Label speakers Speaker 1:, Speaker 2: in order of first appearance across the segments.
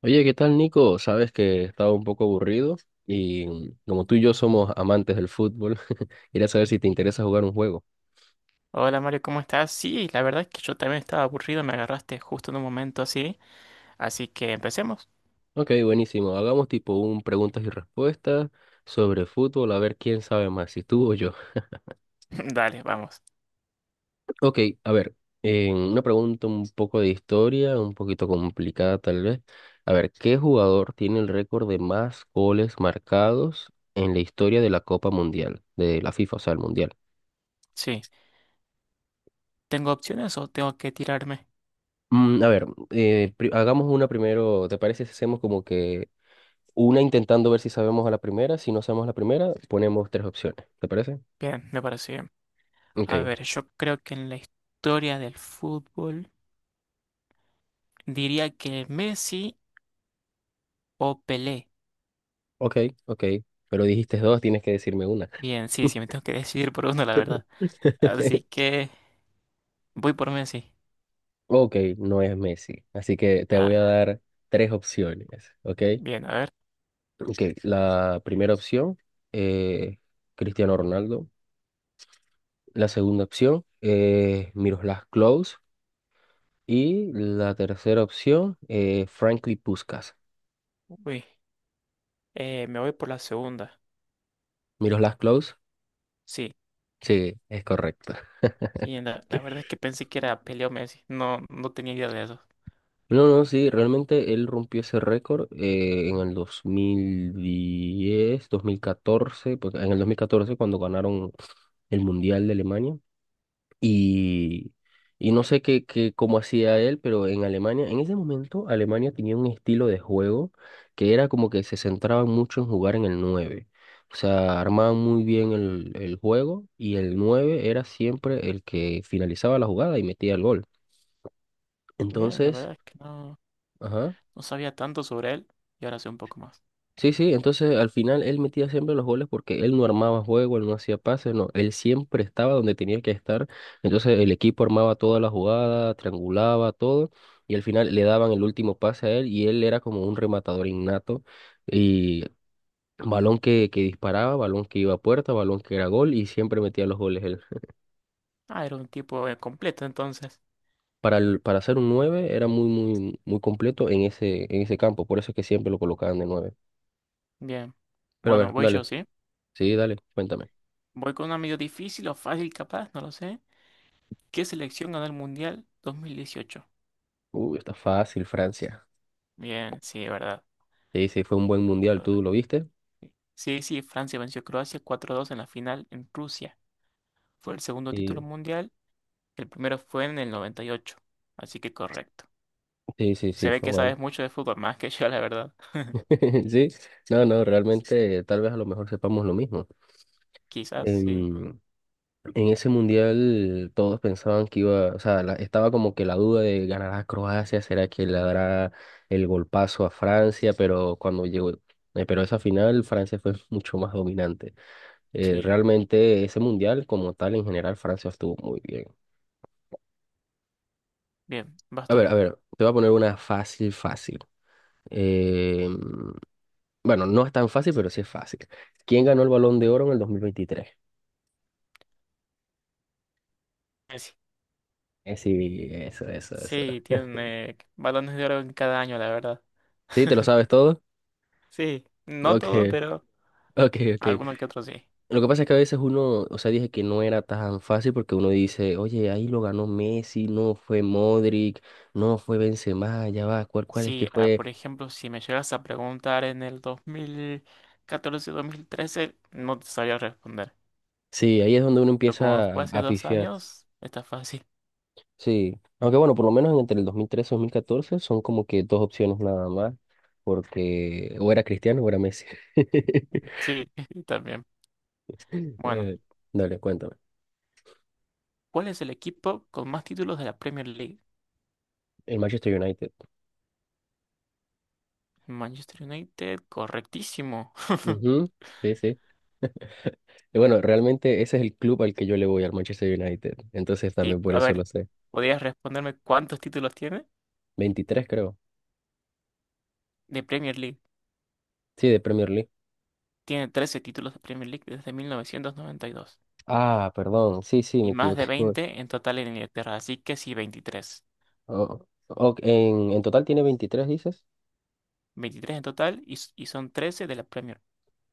Speaker 1: Oye, ¿qué tal, Nico? Sabes que estaba un poco aburrido y como tú y yo somos amantes del fútbol, quería saber si te interesa jugar un juego.
Speaker 2: Hola Mario, ¿cómo estás? Sí, la verdad es que yo también estaba aburrido, me agarraste justo en un momento así, así que empecemos.
Speaker 1: Ok, buenísimo. Hagamos tipo un preguntas y respuestas sobre fútbol, a ver quién sabe más, si tú o yo.
Speaker 2: Dale, vamos.
Speaker 1: Ok, a ver, una pregunta un poco de historia, un poquito complicada tal vez. A ver, ¿qué jugador tiene el récord de más goles marcados en la historia de la Copa Mundial, de la FIFA, o sea, el Mundial?
Speaker 2: Sí, ¿tengo opciones o tengo que tirarme?
Speaker 1: A ver, hagamos una primero. ¿Te parece si hacemos como que una intentando ver si sabemos a la primera? Si no sabemos la primera, ponemos tres opciones. ¿Te parece?
Speaker 2: Bien, me parece bien. A
Speaker 1: Ok,
Speaker 2: ver, yo creo que en la historia del fútbol diría que Messi o Pelé.
Speaker 1: ok, ok. Pero dijiste dos, tienes que decirme una.
Speaker 2: Bien, sí, sí, me tengo que decidir por uno, la verdad. Así que voy por Messi.
Speaker 1: Ok, no es Messi. Así que te voy a
Speaker 2: Ah,
Speaker 1: dar tres opciones. Ok.
Speaker 2: bien, a ver.
Speaker 1: Ok, la primera opción, eh, Cristiano Ronaldo. La segunda opción, Miroslav Klose. Y la tercera opción, Franklin Puskás.
Speaker 2: Uy, me voy por la segunda.
Speaker 1: Miroslav Klaus,
Speaker 2: Sí.
Speaker 1: sí, es correcto.
Speaker 2: Bien, la verdad es que pensé que era Pelé o Messi. No, no tenía idea de eso.
Speaker 1: No, no, sí, realmente él rompió ese récord en el dos mil catorce, porque en el 2014 cuando ganaron el Mundial de Alemania. Y, y no sé cómo hacía él, pero en Alemania, en ese momento, Alemania tenía un estilo de juego que era como que se centraban mucho en jugar en el nueve. O sea, armaban muy bien el juego y el 9 era siempre el que finalizaba la jugada y metía el gol.
Speaker 2: Bien, la
Speaker 1: Entonces,
Speaker 2: verdad es que no,
Speaker 1: ajá.
Speaker 2: no sabía tanto sobre él y ahora sé un poco más.
Speaker 1: Sí, sí, entonces al final él metía siempre los goles porque él no armaba juego, él no hacía pases, no, él siempre estaba donde tenía que estar. Entonces el equipo armaba toda la jugada, triangulaba todo y al final le daban el último pase a él y él era como un rematador innato y balón que disparaba, balón que iba a puerta, balón que era gol y siempre metía los goles él.
Speaker 2: Ah, era un tipo completo entonces.
Speaker 1: Para ser un 9 era muy muy muy completo en ese campo, por eso es que siempre lo colocaban de nueve.
Speaker 2: Bien.
Speaker 1: Pero a
Speaker 2: Bueno,
Speaker 1: ver,
Speaker 2: voy
Speaker 1: dale.
Speaker 2: yo, ¿sí?
Speaker 1: Sí, dale, cuéntame.
Speaker 2: Voy con una medio difícil o fácil capaz, no lo sé. ¿Qué selección ganó el Mundial 2018?
Speaker 1: Uy, está fácil, Francia.
Speaker 2: Bien, sí, verdad.
Speaker 1: Sí, sí, fue un buen mundial, ¿tú lo
Speaker 2: Correcto.
Speaker 1: viste?
Speaker 2: Sí, sí, Francia venció a Croacia 4-2 en la final en Rusia. Fue el segundo
Speaker 1: Sí,
Speaker 2: título mundial, el primero fue en el 98. Así que correcto.
Speaker 1: sí, sí,
Speaker 2: Se
Speaker 1: sí,
Speaker 2: ve
Speaker 1: fue
Speaker 2: que
Speaker 1: bueno.
Speaker 2: sabes mucho de fútbol, más que yo, la verdad.
Speaker 1: Sí, no, no, realmente tal vez a lo mejor sepamos lo mismo.
Speaker 2: Quizás, sí.
Speaker 1: En, en ese mundial todos pensaban que iba, o sea, estaba como que la duda de ganará Croacia, será que le dará el golpazo a Francia, pero cuando llegó, pero esa final Francia fue mucho más dominante.
Speaker 2: Sí.
Speaker 1: Realmente ese mundial como tal en general Francia estuvo muy bien.
Speaker 2: Bien, vas tú.
Speaker 1: A ver, te voy a poner una fácil, fácil. Eh, bueno, no es tan fácil, pero sí es fácil. ¿Quién ganó el Balón de Oro en el 2023? Sí, eso, eso, eso.
Speaker 2: Sí, tiene balones de oro en cada año, la verdad.
Speaker 1: ¿Sí? ¿Te lo sabes todo?
Speaker 2: Sí, no
Speaker 1: Ok,
Speaker 2: todo, pero
Speaker 1: ok, ok.
Speaker 2: alguno que otro sí.
Speaker 1: Lo que pasa es que a veces uno, o sea, dije que no era tan fácil porque uno dice, oye, ahí lo ganó Messi, no fue Modric, no fue Benzema, ya va, ¿cuál es que
Speaker 2: Sí, ah, por
Speaker 1: fue?
Speaker 2: ejemplo, si me llegas a preguntar en el 2014-2013, no te sabía responder.
Speaker 1: Sí, ahí es donde uno
Speaker 2: Pero como
Speaker 1: empieza a,
Speaker 2: fue hace
Speaker 1: a
Speaker 2: dos
Speaker 1: pifiar.
Speaker 2: años, está fácil.
Speaker 1: Sí, aunque bueno, por lo menos entre el 2013 y 2014 son como que dos opciones nada más, porque o era Cristiano o era Messi.
Speaker 2: Sí, también. Bueno,
Speaker 1: Eh, Dale, cuéntame.
Speaker 2: ¿cuál es el equipo con más títulos de la Premier League?
Speaker 1: El Manchester United.
Speaker 2: Manchester United, correctísimo.
Speaker 1: Ujú, sí, sí. Y bueno, realmente ese es el club al que yo le voy, al Manchester United. Entonces
Speaker 2: Sí,
Speaker 1: también por
Speaker 2: a
Speaker 1: eso
Speaker 2: ver,
Speaker 1: lo sé.
Speaker 2: ¿podrías responderme cuántos títulos tiene
Speaker 1: Veintitrés creo.
Speaker 2: de Premier League?
Speaker 1: Sí, de Premier League.
Speaker 2: Tiene 13 títulos de Premier League desde 1992 y dos
Speaker 1: Ah, perdón. Sí, sí,
Speaker 2: y
Speaker 1: me
Speaker 2: más de
Speaker 1: equivoqué.
Speaker 2: 20 en total en Inglaterra, así que sí, 23,
Speaker 1: Oh, ok, en total tiene 23 dices.
Speaker 2: 23 en total y son 13 de la Premier.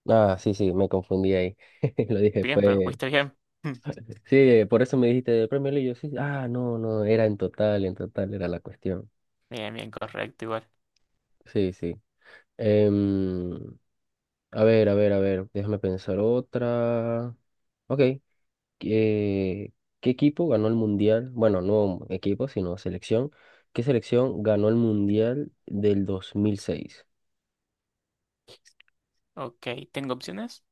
Speaker 1: Ah, sí, sí, me confundí ahí. Lo dije,
Speaker 2: Bien, pero
Speaker 1: fue...
Speaker 2: fuiste bien.
Speaker 1: Sí, por eso me dijiste de Premier League. Yo sí, ah, no, no, era en total era la cuestión.
Speaker 2: Bien, bien, correcto, igual.
Speaker 1: Sí, sí. Em, a ver, a ver, a ver, déjame pensar otra. Ok, ¿qué, qué equipo ganó el Mundial? Bueno, no equipo, sino selección. ¿Qué selección ganó el Mundial del 2006?
Speaker 2: Ok, ¿tengo opciones?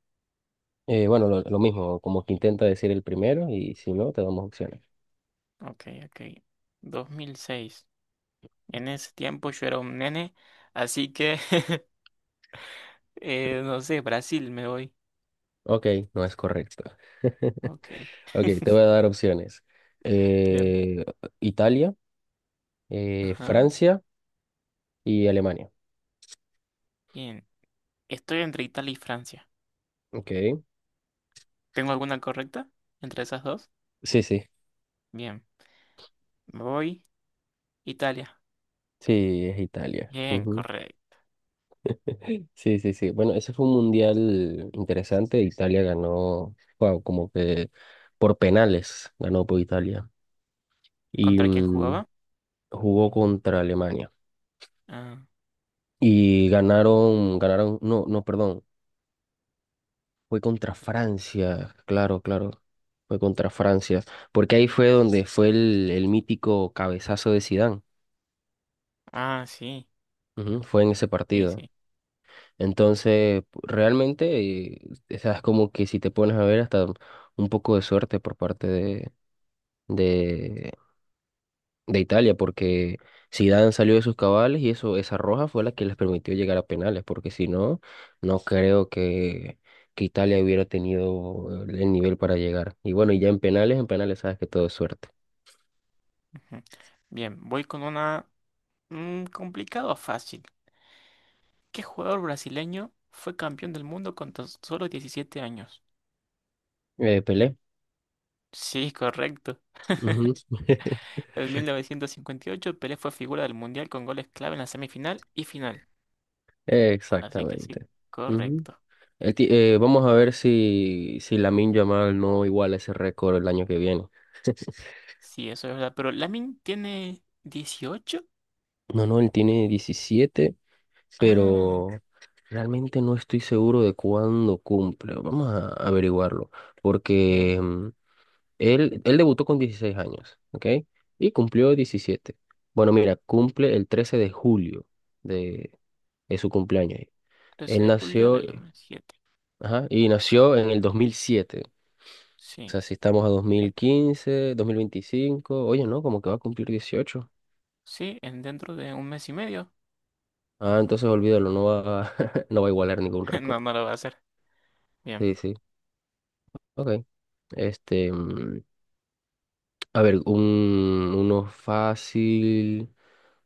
Speaker 1: Bueno, lo mismo, como que intenta decir el primero y si no, te damos opciones.
Speaker 2: Ok, ok. 2006. En ese tiempo yo era un nene, así que, no sé, Brasil me voy.
Speaker 1: Ok, no es correcto.
Speaker 2: Ok,
Speaker 1: Ok, te voy a dar opciones.
Speaker 2: bien.
Speaker 1: Eh, Italia,
Speaker 2: Ajá,
Speaker 1: Francia y Alemania.
Speaker 2: bien. Estoy entre Italia y Francia.
Speaker 1: Ok.
Speaker 2: ¿Tengo alguna correcta entre esas dos?
Speaker 1: Sí, sí,
Speaker 2: Bien, me voy. Italia.
Speaker 1: sí, es Italia.
Speaker 2: Bien,
Speaker 1: Ujú.
Speaker 2: correcto.
Speaker 1: Sí, sí, sí. Bueno, ese fue un mundial interesante. Italia ganó, wow, como que por penales ganó por Italia. Y
Speaker 2: ¿Contra quién jugaba?
Speaker 1: jugó contra Alemania.
Speaker 2: Ah,
Speaker 1: Y ganaron, ganaron, no, no, perdón. Fue contra Francia, claro, claro. Fue contra Francia. Porque ahí fue donde fue el mítico cabezazo de Zidane.
Speaker 2: ah, sí.
Speaker 1: Ujú, fue en ese
Speaker 2: Sí,
Speaker 1: partido.
Speaker 2: sí.
Speaker 1: Entonces, realmente, eh, o sea, es como que si te pones a ver, hasta un poco de suerte por parte de, de Italia, porque Zidane salió de sus cabales y eso, esa roja fue la que les permitió llegar a penales, porque si no, no creo que Italia hubiera tenido el nivel para llegar. Y bueno, y ya en penales sabes que todo es suerte.
Speaker 2: Ujú. Bien, voy con una complicado o fácil. ¿Qué jugador brasileño fue campeón del mundo con tan solo 17 años?
Speaker 1: Pelé.
Speaker 2: Sí, correcto.
Speaker 1: Ujú.
Speaker 2: En 1958 Pelé fue figura del Mundial con goles clave en la semifinal y final. Así que sí,
Speaker 1: Exactamente. Ujú.
Speaker 2: correcto.
Speaker 1: Vamos a ver si, si Lamine Yamal no iguala ese récord el año que viene.
Speaker 2: Sí, eso es verdad. Pero Lamin tiene 18.
Speaker 1: No, no, él tiene 17
Speaker 2: Ah,
Speaker 1: pero realmente no estoy seguro de cuándo cumple. Vamos a averiguarlo.
Speaker 2: bien.
Speaker 1: Porque él debutó con 16 años, ¿ok? Y cumplió diecisiete. Bueno, mira, cumple el 13 de julio de, de su cumpleaños.
Speaker 2: 13
Speaker 1: Él
Speaker 2: de julio
Speaker 1: nació,
Speaker 2: del dos mil siete.
Speaker 1: ajá, y nació en el dos mil siete. O
Speaker 2: Sí.
Speaker 1: sea, si estamos a dos mil
Speaker 2: Ok.
Speaker 1: quince dos mil veinticinco, oye, no, como que va a cumplir dieciocho.
Speaker 2: Sí, en dentro de un mes y medio.
Speaker 1: Ah, entonces olvídalo, no va, no va a igualar ningún
Speaker 2: No,
Speaker 1: récord.
Speaker 2: no lo va a hacer. Bien.
Speaker 1: Sí, sí, ok. Este, mm, a ver, uno fácil,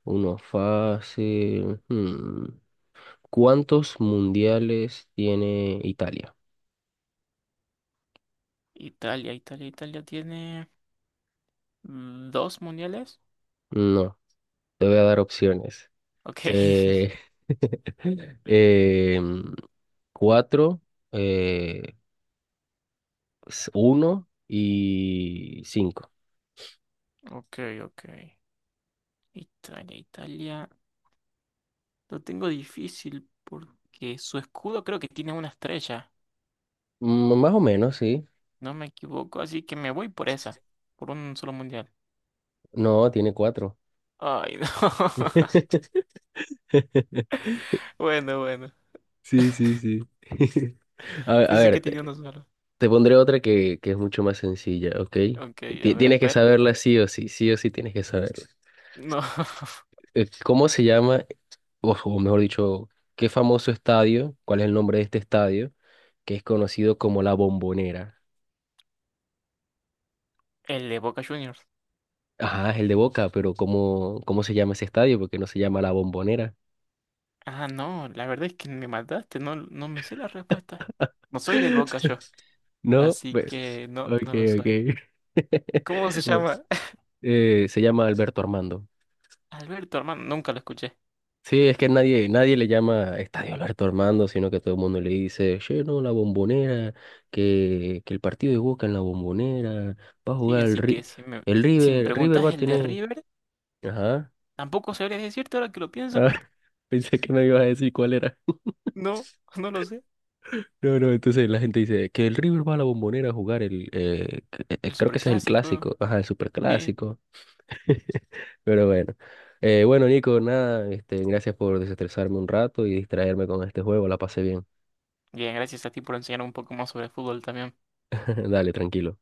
Speaker 1: uno fácil. Hmm. ¿Cuántos mundiales tiene Italia?
Speaker 2: Italia, Italia, Italia tiene dos mundiales.
Speaker 1: No, te voy a dar opciones.
Speaker 2: Ok.
Speaker 1: Eh, em, cuatro, eh, uno y cinco.
Speaker 2: Ok, ok. Italia, Italia. Lo tengo difícil porque su escudo creo que tiene una estrella.
Speaker 1: Mm, más o menos, sí.
Speaker 2: No me equivoco, así que me voy por esa. Por un solo mundial.
Speaker 1: No, tiene cuatro.
Speaker 2: Ay, no. Bueno, bueno.
Speaker 1: Sí, sí, sí. A, a
Speaker 2: Pensé que
Speaker 1: ver, te-
Speaker 2: tenía uno solo.
Speaker 1: Te pondré otra que es mucho más sencilla, ¿ok?
Speaker 2: Ok, a ver,
Speaker 1: Tienes que
Speaker 2: espero.
Speaker 1: saberla sí o sí tienes que saberla.
Speaker 2: No.
Speaker 1: ¿Cómo se llama, o mejor dicho, qué famoso estadio, cuál es el nombre de este estadio, que es conocido como La Bombonera?
Speaker 2: El de Boca Juniors.
Speaker 1: Ajá, es el de Boca, pero ¿cómo se llama ese estadio? Porque no se llama La Bombonera.
Speaker 2: Ah, no, la verdad es que me mataste, no, no me sé la respuesta. No soy del Boca yo,
Speaker 1: No,
Speaker 2: así
Speaker 1: pues,
Speaker 2: que no,
Speaker 1: ok,
Speaker 2: no lo soy.
Speaker 1: ok.
Speaker 2: ¿Cómo se
Speaker 1: Pues,
Speaker 2: llama?
Speaker 1: se llama Alberto Armando.
Speaker 2: Alberto, hermano, nunca lo escuché.
Speaker 1: Sí, es que nadie, nadie le llama Estadio Alberto Armando, sino que todo el mundo le dice, che, no, la Bombonera, que el partido de Boca en la Bombonera, va a
Speaker 2: Sí,
Speaker 1: jugar el,
Speaker 2: así que si me,
Speaker 1: El
Speaker 2: si me
Speaker 1: River, River va
Speaker 2: preguntas
Speaker 1: a
Speaker 2: el de
Speaker 1: tener...
Speaker 2: River,
Speaker 1: Ajá,
Speaker 2: tampoco sabría decirte ahora que lo pienso.
Speaker 1: ah, pensé que me ibas a decir cuál era.
Speaker 2: No, no lo sé.
Speaker 1: No, no, entonces la gente dice que el River va a la Bombonera a jugar el...
Speaker 2: El
Speaker 1: creo que ese es el
Speaker 2: superclásico,
Speaker 1: clásico, ajá, el
Speaker 2: sí.
Speaker 1: superclásico. Pero bueno. Bueno, Nico, nada, este, gracias por desestresarme un rato y distraerme con este juego, la pasé bien.
Speaker 2: Bien, gracias a ti por enseñarme un poco más sobre fútbol también.
Speaker 1: Dale, tranquilo.